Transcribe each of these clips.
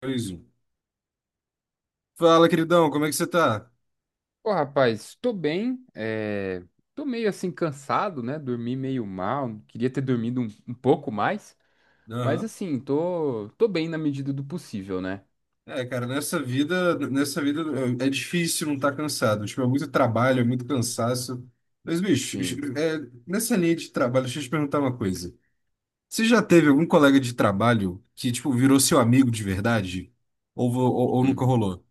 Dois, um. Fala, queridão, como é que você tá? Pô, rapaz, tô bem, tô meio assim cansado, né? Dormi meio mal, queria ter dormido um pouco mais, mas Aham. assim, tô bem na medida do possível, né? É, cara, nessa vida é difícil não estar cansado. Tipo, é muito trabalho, é muito cansaço. Mas, bicho, Sim. é, nessa linha de trabalho, deixa eu te perguntar uma coisa. Você já teve algum colega de trabalho que, tipo, virou seu amigo de verdade? Ou, ou nunca Hum. rolou?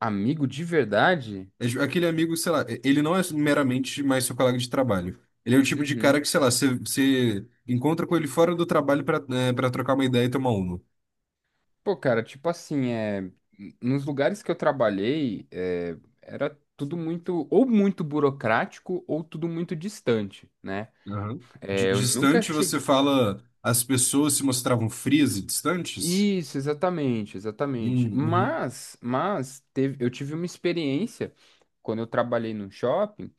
Amigo de verdade? É, tipo, aquele amigo, sei lá, ele não é meramente mais seu colega de trabalho. Ele é o tipo de cara Uhum. que, sei lá, você encontra com ele fora do trabalho para para trocar uma ideia e tomar uma. Pô, cara, tipo assim, nos lugares que eu trabalhei, era tudo muito, ou muito burocrático, ou tudo muito distante, né? Aham. Di- É, eu nunca Distante, cheguei. você fala as pessoas se mostravam frias e distantes? Isso, exatamente, exatamente. Uhum. Mas eu tive uma experiência quando eu trabalhei num shopping.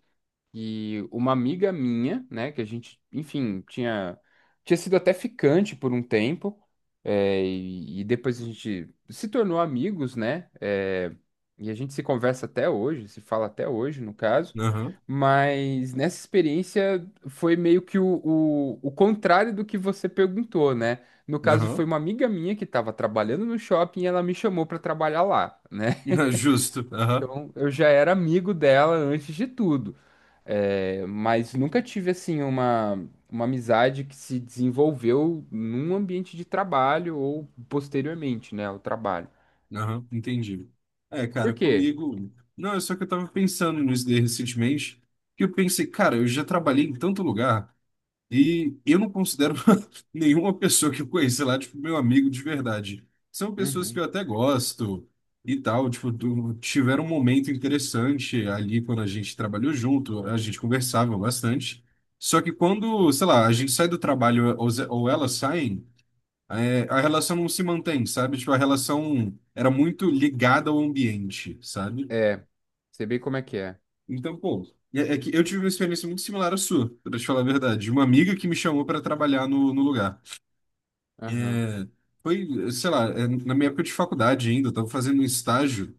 E uma amiga minha, né, que a gente, enfim, tinha sido até ficante por um tempo, e depois a gente se tornou amigos, né, e a gente se conversa até hoje, se fala até hoje, no caso, Aham, mas nessa experiência foi meio que o contrário do que você perguntou, né? No caso, foi aham. uma amiga minha que estava trabalhando no shopping e ela me chamou para trabalhar lá, né? Justo. Aham, Então, eu já era amigo dela antes de tudo. É, mas nunca tive assim uma amizade que se desenvolveu num ambiente de trabalho ou posteriormente, né, ao trabalho. aham. Entendi. É, cara, Por quê? comigo. Não, é só que eu tava pensando nisso daí recentemente, que eu pensei, cara, eu já trabalhei em tanto lugar. E eu não considero nenhuma pessoa que eu conheci lá, tipo, meu amigo de verdade. São pessoas que Uhum. eu até gosto e tal, tipo, tiveram um momento interessante ali quando a gente trabalhou junto, a gente conversava bastante. Só que quando, sei lá, a gente sai do trabalho ou, ou elas saem, a relação não se mantém, sabe? Tipo, a relação era muito ligada ao ambiente, sabe? É, sei bem como é que é. Então, pô, é que eu tive uma experiência muito similar à sua, pra te falar a verdade. Uma amiga que me chamou para trabalhar no no lugar. Aham, É, foi, sei lá, é, na minha época de faculdade ainda, eu estava fazendo um estágio.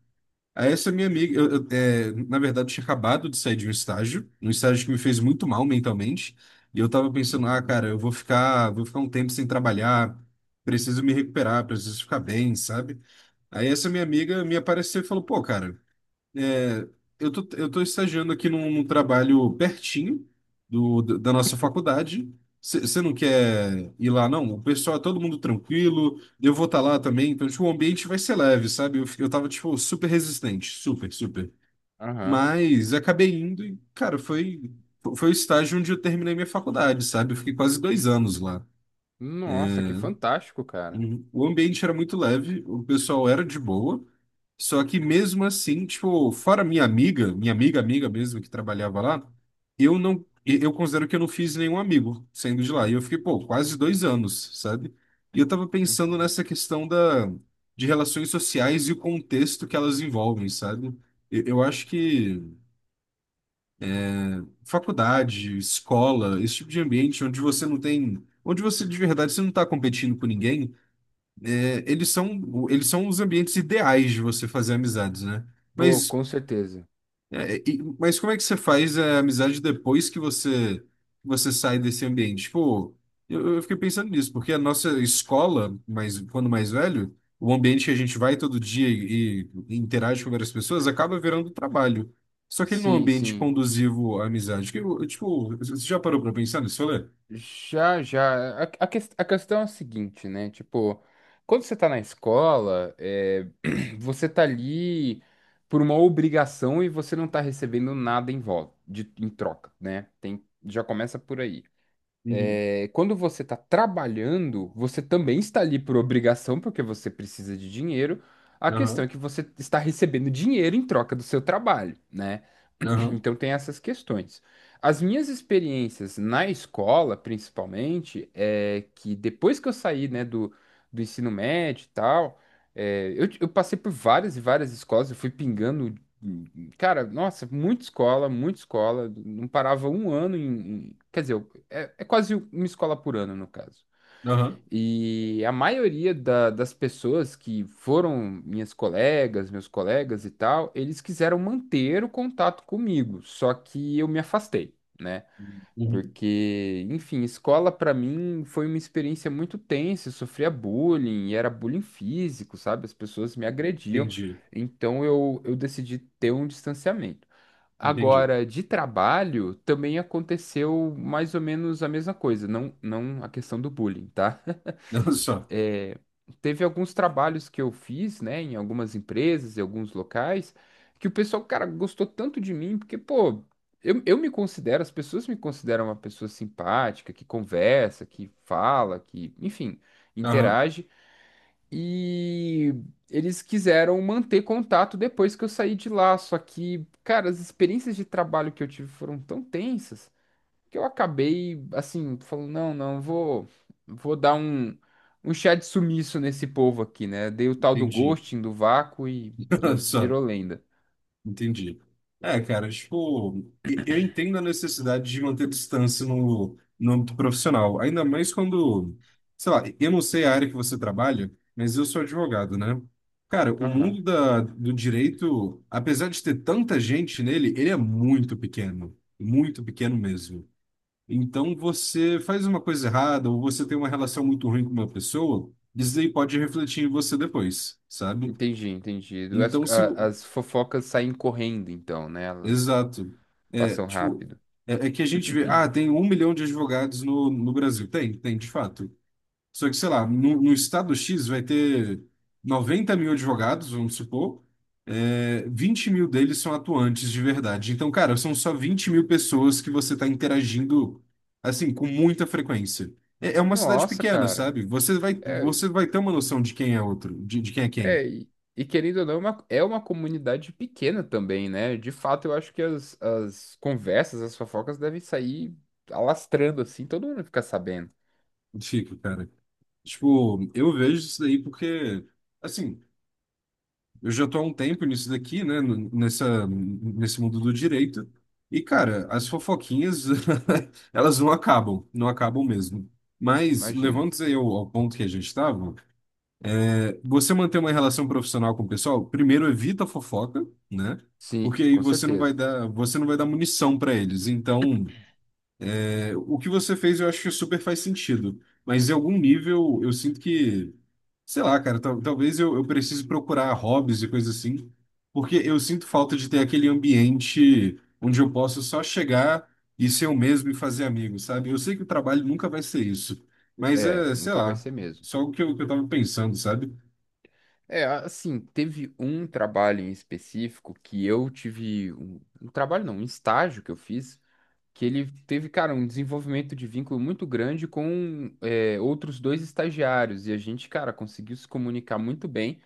Aí essa minha amiga, eu, é, na verdade, tinha acabado de sair de um estágio que me fez muito mal mentalmente. E eu tava pensando, ah, uhum, cara, vou ficar um tempo sem trabalhar, preciso me recuperar, preciso ficar bem, sabe? Aí essa minha amiga me apareceu e falou, pô, cara, é, eu tô estagiando aqui num, num trabalho pertinho do, da nossa faculdade. Você não quer ir lá, não? O pessoal é todo mundo tranquilo, eu vou estar lá também, então tipo, o ambiente vai ser leve, sabe? Eu, eu tava, tipo, super resistente, super. aham. Mas acabei indo e, cara, foi o estágio onde eu terminei minha faculdade, sabe? Eu fiquei quase dois anos lá. Nossa, que fantástico, cara. Uhum. O ambiente era muito leve, o pessoal era de boa. Só que mesmo assim, tipo, fora minha amiga, amiga mesmo que trabalhava lá, eu considero que eu não fiz nenhum amigo saindo de lá. E eu fiquei, pô, quase dois anos, sabe? E eu tava pensando Uhum. nessa questão da, de relações sociais e o contexto que elas envolvem, sabe? Eu acho que faculdade, escola, esse tipo de ambiente onde você não tem, onde você de verdade você não tá competindo com ninguém, eles são os ambientes ideais de você fazer amizades, né? Pô, Mas com certeza. Mas como é que você faz a amizade depois que você sai desse ambiente? Tipo, eu fiquei pensando nisso, porque a nossa escola, mas quando mais velho, o ambiente que a gente vai todo dia e interage com várias pessoas acaba virando trabalho. Só que ele não é um Sim, ambiente sim. conduzivo à amizade. Tipo, você já parou pra pensar nisso, Olha? Já, já. A questão é a seguinte, né? Tipo, quando você tá na escola, você tá ali por uma obrigação e você não tá recebendo nada em volta, de, em troca, né? Tem, já começa por aí Uhum. é, quando você está trabalhando, você também está ali por obrigação, porque você precisa de dinheiro. A questão é Aham, que você está recebendo dinheiro em troca do seu trabalho, né? aham, Então tem essas questões. As minhas experiências na escola, principalmente, é que depois que eu saí, né, do ensino médio e tal, eu passei por várias e várias escolas, eu fui pingando, cara, nossa, muita escola, não parava um ano em, quer dizer, é quase uma escola por ano, no caso. aham. E a maioria das pessoas que foram minhas colegas, meus colegas e tal, eles quiseram manter o contato comigo, só que eu me afastei, né? Uhum. Porque, enfim, escola pra mim foi uma experiência muito tensa, eu sofria bullying, e era bullying físico, sabe? As pessoas me agrediam, Entendi, então eu decidi ter um distanciamento. entendi. Agora, de trabalho, também aconteceu mais ou menos a mesma coisa, não, não a questão do bullying, tá? só. Teve alguns trabalhos que eu fiz, né, em algumas empresas, em alguns locais, que o pessoal, cara, gostou tanto de mim, porque, pô, eu me considero, as pessoas me consideram uma pessoa simpática, que conversa, que fala, que, enfim, Aham, interage, e eles quiseram manter contato depois que eu saí de lá, só que, cara, as experiências de trabalho que eu tive foram tão tensas que eu acabei, assim, falando, não, não, vou dar um chá de sumiço nesse povo aqui, né? Dei o tal do entendi. ghosting, do vácuo e, e Só. virou lenda. Entendi. É, cara, tipo, eu entendo a necessidade de manter distância no, no âmbito profissional, ainda mais quando, sei lá, eu não sei a área que você trabalha, mas eu sou advogado, né? Cara, o Aham. mundo da, do direito, apesar de ter tanta gente nele, ele é muito pequeno mesmo. Então, você faz uma coisa errada ou você tem uma relação muito ruim com uma pessoa, isso aí pode refletir em você depois, sabe? Entendi, entendi. As, Então, se a- as fofocas saem correndo, então, né? Elas Exato. É, passam tipo, rápido. É que a gente vê, ah, tem um milhão de advogados no, no Brasil. Tem, tem, de fato. Só que, sei lá, no, no estado X vai ter 90 mil advogados, vamos supor, é, 20 mil deles são atuantes de verdade. Então, cara, são só 20 mil pessoas que você está interagindo, assim, com muita frequência. É, é uma cidade Nossa, pequena, cara. sabe? É, Você vai ter uma noção de quem é outro, de quem é quem. é, e querendo ou não, é uma comunidade pequena também, né? De fato, eu acho que as conversas, as fofocas devem sair alastrando assim, todo mundo fica sabendo. Fico cara. Tipo, eu vejo isso daí porque. Assim, eu já tô há um tempo nisso daqui, né? Nessa, nesse mundo do direito. E, cara, as fofoquinhas, elas não acabam, não acabam mesmo. Eu Mas, imagino. levando-se aí ao, ao ponto que a gente estava, é, você manter uma relação profissional com o pessoal, primeiro evita a fofoca, né? Sim, Porque aí com certeza. Você não vai dar munição para eles. Então, o que você fez, eu acho que super faz sentido. Mas em algum nível, eu sinto que, sei lá, cara, talvez eu precise procurar hobbies e coisas assim, porque eu sinto falta de ter aquele ambiente onde eu posso só chegar e ser eu mesmo e fazer amigos, sabe? Eu sei que o trabalho nunca vai ser isso, mas É, é, sei nunca vai lá, ser mesmo. só o que que eu tava pensando, sabe? É, assim, teve um trabalho em específico que eu tive um trabalho não, um estágio que eu fiz, que ele teve, cara, um desenvolvimento de vínculo muito grande com outros dois estagiários e a gente, cara, conseguiu se comunicar muito bem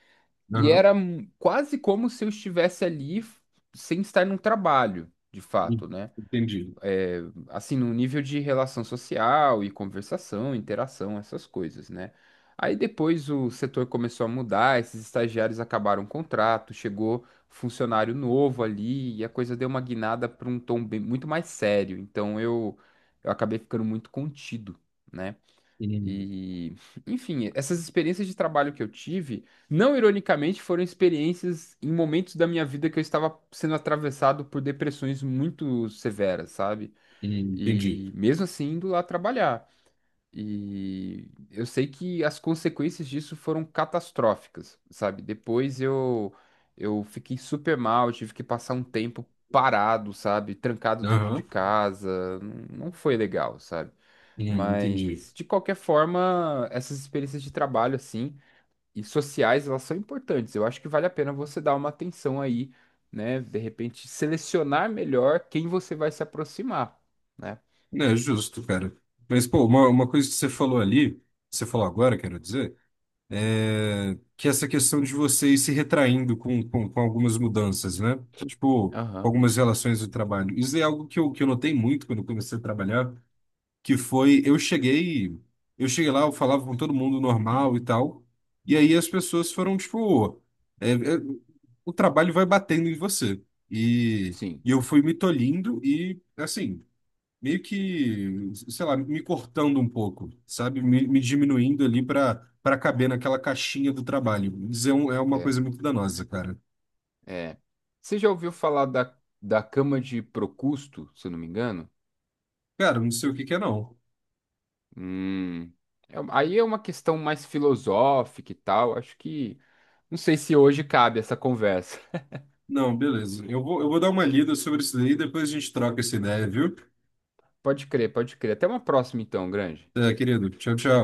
e Aham. era quase como se eu estivesse ali sem estar num trabalho, de fato, né? Entendi. Assim, num nível de relação social e conversação, interação, essas coisas, né? Aí depois o setor começou a mudar, esses estagiários acabaram o contrato, chegou funcionário novo ali e a coisa deu uma guinada para um tom bem, muito mais sério. Então eu acabei ficando muito contido, né? Hum, E, enfim, essas experiências de trabalho que eu tive, não ironicamente, foram experiências em momentos da minha vida que eu estava sendo atravessado por depressões muito severas, sabe? Entendi. E mesmo assim indo lá trabalhar. E eu sei que as consequências disso foram catastróficas, sabe? Depois eu fiquei super mal, tive que passar um tempo parado, sabe? Trancado dentro de Aham. casa. Não, não foi legal, sabe? Entendi. Mas de qualquer forma, essas experiências de trabalho assim e sociais, elas são importantes. Eu acho que vale a pena você dar uma atenção aí, né? De repente selecionar melhor quem você vai se aproximar, né? É justo, cara. Mas, pô, uma coisa que você falou ali, você falou agora, quero dizer, é que essa questão de você ir se retraindo com, com algumas mudanças, né? Tipo, Aham. algumas relações do trabalho. Isso é algo que que eu notei muito quando eu comecei a trabalhar, que foi, eu cheguei lá, eu falava com todo mundo normal e tal, e aí as pessoas foram, tipo, é, é, o trabalho vai batendo em você. Sim, E eu fui me tolhindo e, assim meio que, sei lá, me cortando um pouco, sabe? Me diminuindo ali para para caber naquela caixinha do trabalho. É uma é, coisa muito danosa, cara. é. Você já ouviu falar da cama de Procusto, se eu não me engano? Cara, não sei o que que é não. Hum, Aí é uma questão mais filosófica e tal. Acho que não sei se hoje cabe essa conversa. Não, beleza. Eu vou dar uma lida sobre isso daí e depois a gente troca essa ideia, viu? Pode crer, pode crer. Até uma próxima então, Grande. É, querido, tchau, tchau.